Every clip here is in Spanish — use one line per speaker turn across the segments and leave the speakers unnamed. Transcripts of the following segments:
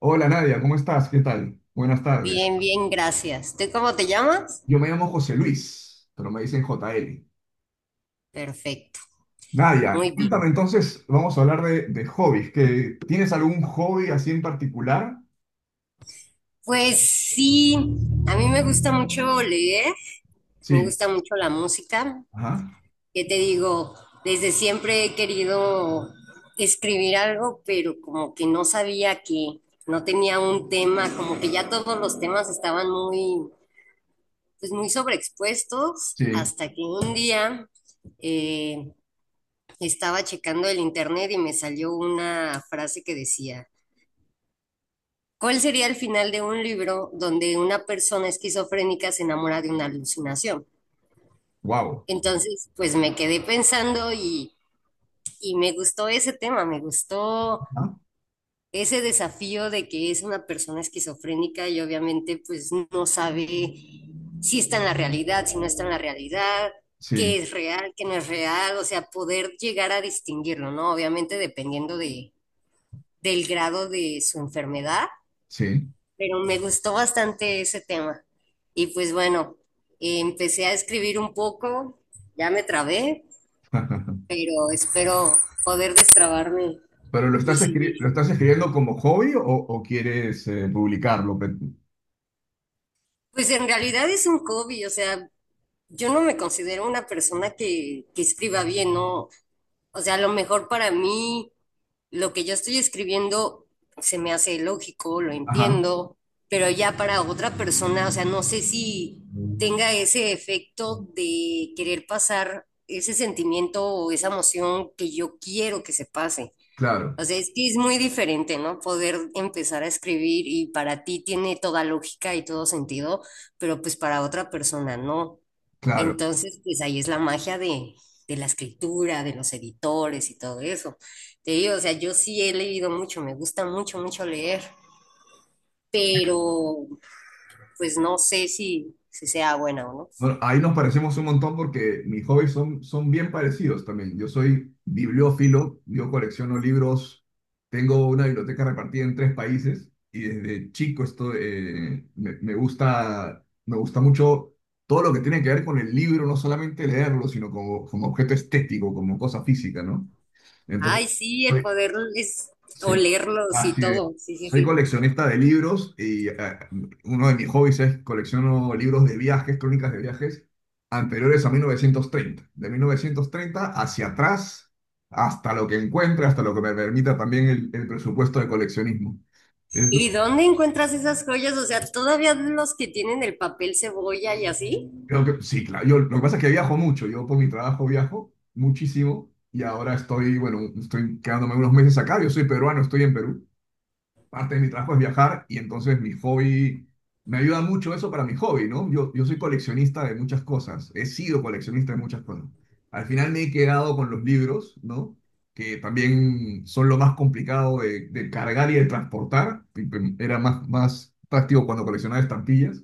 Hola Nadia, ¿cómo estás? ¿Qué tal? Buenas tardes.
Bien, bien, gracias. ¿Tú cómo te llamas?
Yo me llamo José Luis, pero me dicen J. L.
Perfecto,
Nadia,
muy
cuéntame
bien.
entonces, vamos a hablar de hobbies. ¿Que tienes algún hobby así en particular?
Pues sí, a mí me gusta mucho leer, me
Sí.
gusta mucho la música.
Ajá.
¿Qué te digo? Desde siempre he querido escribir algo, pero como que no sabía que no tenía un tema, como que ya todos los temas estaban muy, pues muy sobreexpuestos,
Sí.
hasta que un día eh, estaba checando el internet y me salió una frase que decía, ¿cuál sería el final de un libro donde una persona esquizofrénica se enamora de una alucinación?
Wow.
Entonces, pues me quedé pensando y, me gustó ese tema, me gustó ese desafío de que es una persona esquizofrénica y obviamente pues no sabe si está en la realidad, si no está en la realidad, qué
Sí,
es real, qué no es real, o sea, poder llegar a distinguirlo, ¿no? Obviamente dependiendo del grado de su enfermedad,
sí.
pero me gustó bastante ese tema. Y pues bueno, empecé a escribir un poco, ya me trabé, pero espero poder destrabarme
¿Pero lo
y
estás
seguir.
lo estás escribiendo como hobby o quieres publicarlo?
Pues en realidad es un hobby, o sea, yo no me considero una persona que escriba bien, ¿no? O sea, a lo mejor para mí lo que yo estoy escribiendo se me hace lógico, lo
Ajá.
entiendo, pero ya para otra persona, o sea, no sé si tenga ese efecto de querer pasar ese sentimiento o esa emoción que yo quiero que se pase.
Claro,
O sea, es que es muy diferente, ¿no? Poder empezar a escribir y para ti tiene toda lógica y todo sentido, pero pues para otra persona no.
claro.
Entonces, pues ahí es la magia de la escritura, de los editores y todo eso. Te digo, o sea, yo sí he leído mucho, me gusta mucho, mucho leer, pero pues no sé si sea buena o no.
Bueno, ahí nos parecemos un montón porque mis hobbies son bien parecidos también. Yo soy bibliófilo, yo colecciono libros, tengo una biblioteca repartida en tres países y desde chico esto me gusta mucho todo lo que tiene que ver con el libro, no solamente leerlo, sino como objeto estético, como cosa física, ¿no? Entonces,
Ay, sí, el poder es
sí,
olerlos y
así es.
todo. Sí, sí,
Soy
sí.
coleccionista de libros y uno de mis hobbies es colecciono libros de viajes, crónicas de viajes anteriores a 1930. De 1930 hacia atrás, hasta lo que encuentre, hasta lo que me permita también el presupuesto de coleccionismo. Es-
¿Y dónde encuentras esas joyas? O sea, todavía los que tienen el papel cebolla y así.
Creo que, sí, claro. Lo que pasa es que viajo mucho. Yo por mi trabajo viajo muchísimo y ahora bueno, estoy quedándome unos meses acá. Yo soy peruano, estoy en Perú. Parte de mi trabajo es viajar y entonces mi hobby, me ayuda mucho eso para mi hobby, ¿no? Yo soy coleccionista de muchas cosas, he sido coleccionista de muchas cosas. Al final me he quedado con los libros, ¿no? Que también son lo más complicado de cargar y de transportar. Era más, más práctico cuando coleccionaba estampillas,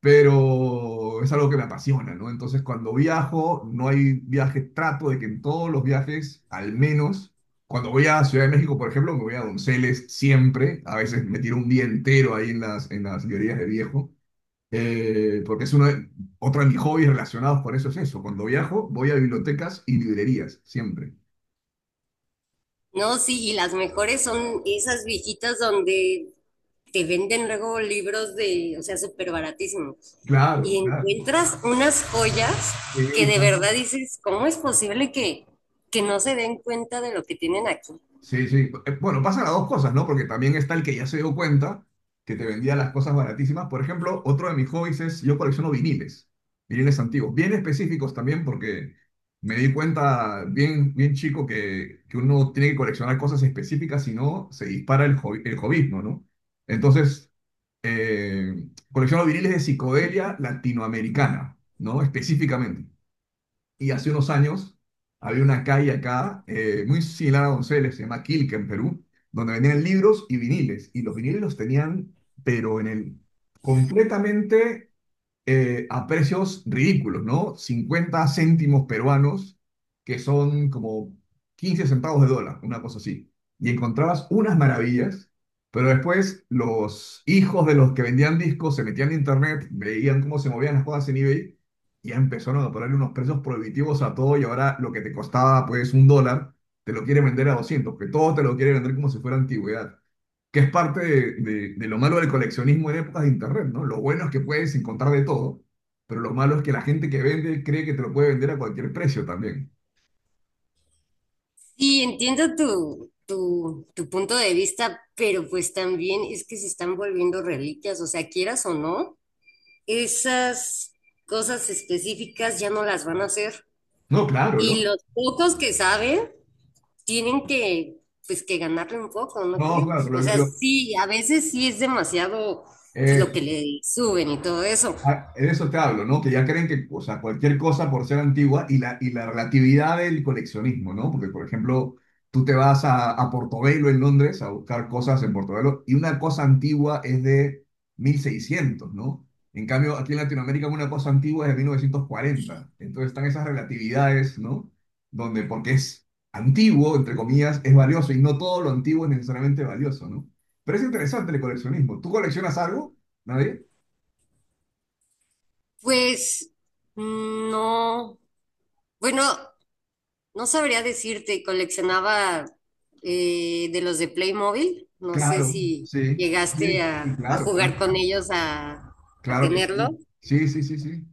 pero es algo que me apasiona, ¿no? Entonces, cuando viajo, no hay viajes, trato de que en todos los viajes, al menos, cuando voy a Ciudad de México, por ejemplo, me voy a Donceles siempre, a veces me tiro un día entero ahí en las librerías de viejo, porque es otro de mis hobbies relacionados con eso es eso. Cuando viajo, voy a bibliotecas y librerías, siempre.
No, sí, y las mejores son esas viejitas donde te venden luego libros de, o sea, súper baratísimos. Y
Claro, claro.
encuentras unas joyas que
Sí,
de verdad dices, ¿cómo es posible que no se den cuenta de lo que tienen aquí?
sí, sí. Bueno, pasan las dos cosas, ¿no? Porque también está el que ya se dio cuenta que te vendía las cosas baratísimas. Por ejemplo, otro de mis hobbies es, yo colecciono viniles, viniles antiguos, bien específicos también porque me di cuenta bien, bien chico que uno tiene que coleccionar cosas específicas, si no, se dispara el hobbyismo, ¿no? Entonces, colecciono viniles de psicodelia latinoamericana, ¿no? Específicamente. Y hace unos años había una calle acá, muy similar a Donceles, se llama Quilca en Perú, donde vendían libros y viniles. Y los viniles los tenían, pero en el completamente a precios ridículos, ¿no? 50 céntimos peruanos, que son como 15 centavos de dólar, una cosa así. Y encontrabas unas maravillas, pero después los hijos de los que vendían discos se metían en internet, veían cómo se movían las cosas en eBay y ya empezaron a ponerle unos precios prohibitivos a todo y ahora lo que te costaba pues $1, te lo quiere vender a 200, que todo te lo quiere vender como si fuera antigüedad, que es parte de lo malo del coleccionismo en épocas de internet, ¿no? Lo bueno es que puedes encontrar de todo, pero lo malo es que la gente que vende cree que te lo puede vender a cualquier precio también.
Sí, entiendo tu punto de vista, pero pues también es que se están volviendo reliquias, o sea, quieras o no, esas cosas específicas ya no las van a hacer.
No, claro,
Y
lo,
los pocos que saben tienen que, pues, que ganarle un poco, ¿no
no, claro,
crees?
lo,
O sea,
lo-
sí, a veces sí es demasiado pues, lo que le suben y todo eso.
Ah, de eso te hablo, ¿no? Que ya creen que, o sea, cualquier cosa por ser antigua y y la relatividad del coleccionismo, ¿no? Porque, por ejemplo, tú te vas a Portobelo en Londres a buscar cosas en Portobelo, y una cosa antigua es de 1600, ¿no? En cambio, aquí en Latinoamérica una cosa antigua es de 1940. Entonces están esas relatividades, ¿no? Donde porque es antiguo, entre comillas, es valioso y no todo lo antiguo es necesariamente valioso, ¿no? Pero es interesante el coleccionismo. ¿Tú coleccionas algo? ¿Nadie?
Pues, no, bueno, no sabría decirte, coleccionaba de los de Playmobil, no sé
Claro,
si
sí,
llegaste
sí, sí,
a,
claro, claro,
jugar con ellos, a,
claro que sí.
tenerlo.
Sí, sí, sí, sí.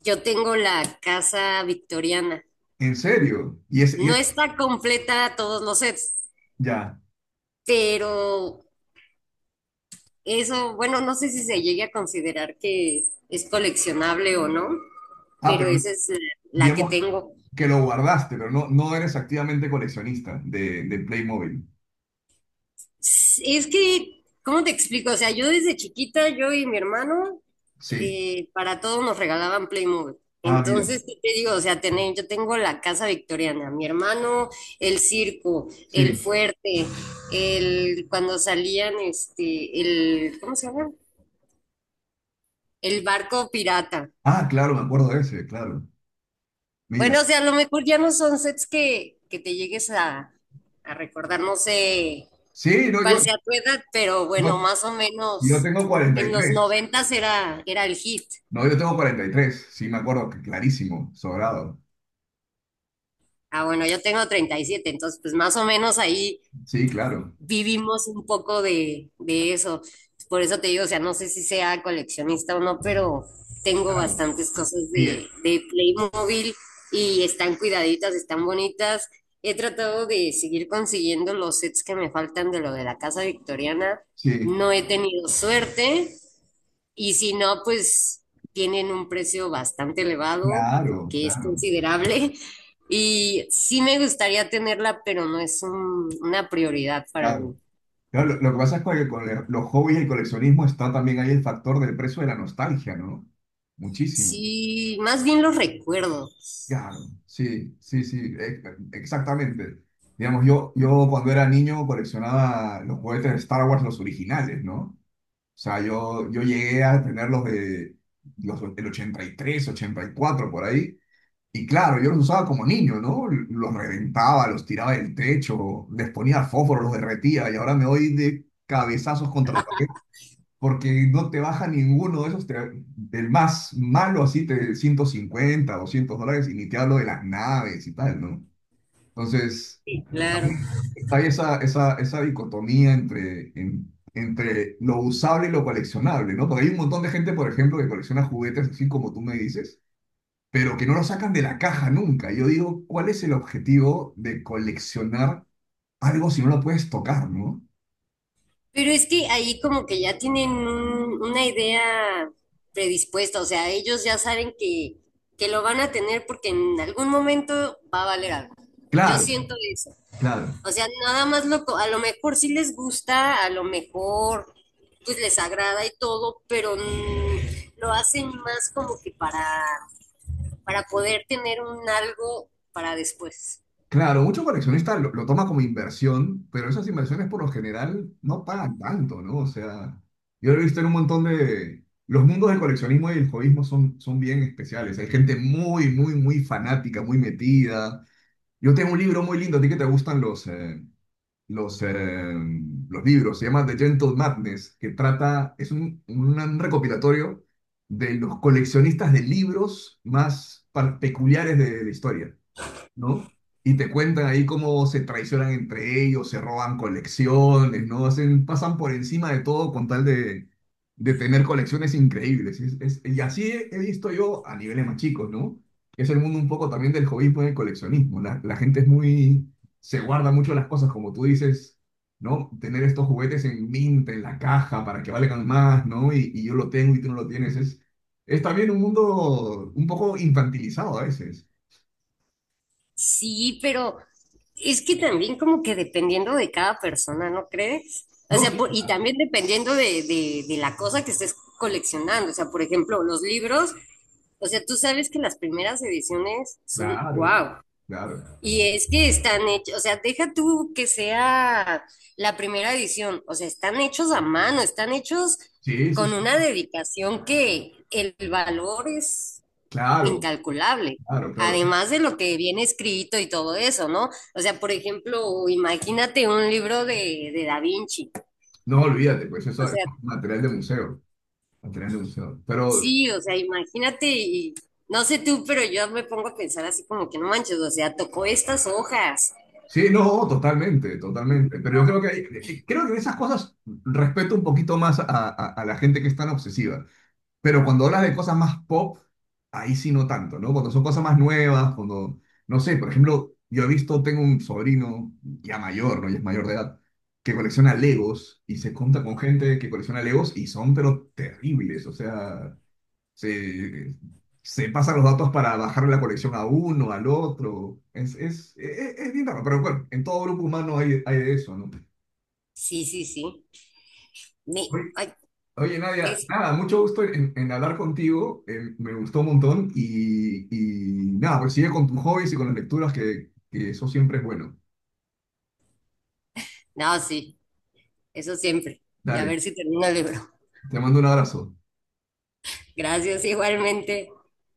Yo tengo la casa victoriana.
En serio. Y es, y
No
es-
está completa todos los sets,
Ya.
pero eso, bueno, no sé si se llegue a considerar que es coleccionable o no,
Ah,
pero
pero
esa es la que
digamos
tengo.
que lo guardaste, pero no, no eres activamente coleccionista de Playmobil.
Es que, ¿cómo te explico? O sea, yo desde chiquita, yo y mi hermano,
Sí.
para todo nos regalaban Playmobil.
Ah, mira.
Entonces, ¿qué te digo? O sea, tener, yo tengo la casa victoriana, mi hermano, el circo, el
Sí.
fuerte, el, cuando salían, este, el, ¿cómo se llama? El barco pirata.
Ah, claro, me acuerdo de ese, claro. Mira.
Bueno, o sea, a lo mejor ya no son sets que te llegues a, recordar, no sé,
Sí, no,
cuál
yo,
sea tu edad, pero bueno,
no,
más o
Yo
menos
tengo cuarenta y
en los
tres.
noventas era el hit.
No, yo tengo 43. Sí, me acuerdo, que clarísimo, sobrado.
Ah, bueno, yo tengo 37, entonces pues más o menos ahí
Sí, claro,
vivimos un poco de eso. Por eso te digo, o sea, no sé si sea coleccionista o no, pero tengo
claro.
bastantes cosas
Sí,
de Playmobil y están cuidaditas, están bonitas. He tratado de seguir consiguiendo los sets que me faltan de lo de la casa victoriana.
sí,
No he tenido suerte, y si no, pues tienen un precio bastante elevado,
claro,
que es
claro,
considerable. Y sí me gustaría tenerla, pero no es una prioridad para mí.
claro. Claro, lo que pasa es que con los hobbies y el coleccionismo está también ahí el factor del precio de la nostalgia, ¿no? Muchísimo.
Sí, más bien los recuerdos.
Claro, sí, sí, sí, exactamente. Digamos, yo cuando era niño coleccionaba los juguetes de Star Wars, los originales, ¿no? O sea, yo llegué a tener los de el 83, 84 por ahí. Y claro, yo los usaba como niño, ¿no? Los reventaba, los tiraba del techo, les ponía fósforo, los derretía y ahora me doy de cabezazos contra la porque no te baja ninguno de esos, del más malo así, te 150 $200, y ni te hablo de las naves y tal, ¿no? Entonces,
Sí.
a
Claro.
mí hay esa dicotomía entre, entre lo usable y lo coleccionable, ¿no? Porque hay un montón de gente, por ejemplo, que colecciona juguetes, así como tú me dices, pero que no lo sacan de la caja nunca. Yo digo, ¿cuál es el objetivo de coleccionar algo si no lo puedes tocar, ¿no?
Pero es que ahí como que ya tienen una idea predispuesta, o sea, ellos ya saben que lo van a tener porque en algún momento va a valer algo. Yo
Claro.
siento eso.
Claro.
O sea, nada más a lo mejor sí les gusta, a lo mejor pues les agrada y todo, pero lo hacen más como que para, poder tener un algo para después.
Claro, muchos coleccionistas lo toman como inversión, pero esas inversiones por lo general no pagan tanto, ¿no? O sea, yo lo he visto en un montón de... Los mundos del coleccionismo y del hobbyismo son, son bien especiales. Hay gente muy, muy, muy fanática, muy metida. Yo tengo un libro muy lindo, a ti que te gustan los, eh, los libros, se llama The Gentle Madness, que trata, es un recopilatorio de los coleccionistas de libros más peculiares de la historia. ¿No? Y te cuentan ahí cómo se traicionan entre ellos, se roban colecciones, ¿no? Hacen, pasan por encima de todo con tal de tener colecciones increíbles. Y así he visto yo a niveles más chicos, ¿no? Es el mundo un poco también del hobbyismo y del coleccionismo. La gente es muy, se guarda mucho las cosas, como tú dices, ¿no? Tener estos juguetes en mint, en la caja, para que valgan más, ¿no? Y yo lo tengo y tú no lo tienes. Es también un mundo un poco infantilizado a veces.
Sí, pero es que también como que dependiendo de cada persona, ¿no crees? O
No,
sea,
sí.
y también dependiendo de la cosa que estés coleccionando. O sea, por ejemplo, los libros, o sea, tú sabes que las primeras ediciones son
Claro,
wow.
claro.
Y es que están hechos, o sea, deja tú que sea la primera edición, o sea, están hechos a mano, están hechos
Sí, sí,
con
sí.
una dedicación que el valor es
Claro,
incalculable,
claro, claro.
además de lo que viene escrito y todo eso, ¿no? O sea, por ejemplo, imagínate un libro de Da Vinci,
No, olvídate, pues
o
eso es
sea,
material de museo, material de museo. Pero
sí, o sea, imagínate y no sé tú, pero yo me pongo a pensar así como que no manches, o sea, tocó estas hojas.
sí, no, totalmente, totalmente. Pero yo creo que creo que en esas cosas respeto un poquito más a la gente que es tan obsesiva. Pero cuando hablas de cosas más pop, ahí sí no tanto, ¿no? Cuando son cosas más nuevas, cuando, no sé, por ejemplo, yo he visto, tengo un sobrino ya mayor, ¿no? Ya es mayor de edad, que colecciona Legos y se junta con gente que colecciona Legos y son, pero terribles, o sea, se, se pasan los datos para bajar la colección a uno, al otro, es bien raro, pero bueno, en todo grupo humano hay de eso, ¿no?
Sí, sí, sí. Me,
Oye,
ay,
Oye,
me
Nadia, nada, mucho gusto en hablar contigo, me gustó un montón y nada, pues sigue con tus hobbies y con las lecturas que eso siempre es bueno.
No, sí, eso siempre. Y a
Dale,
ver si termino el libro.
te mando un abrazo.
Gracias igualmente.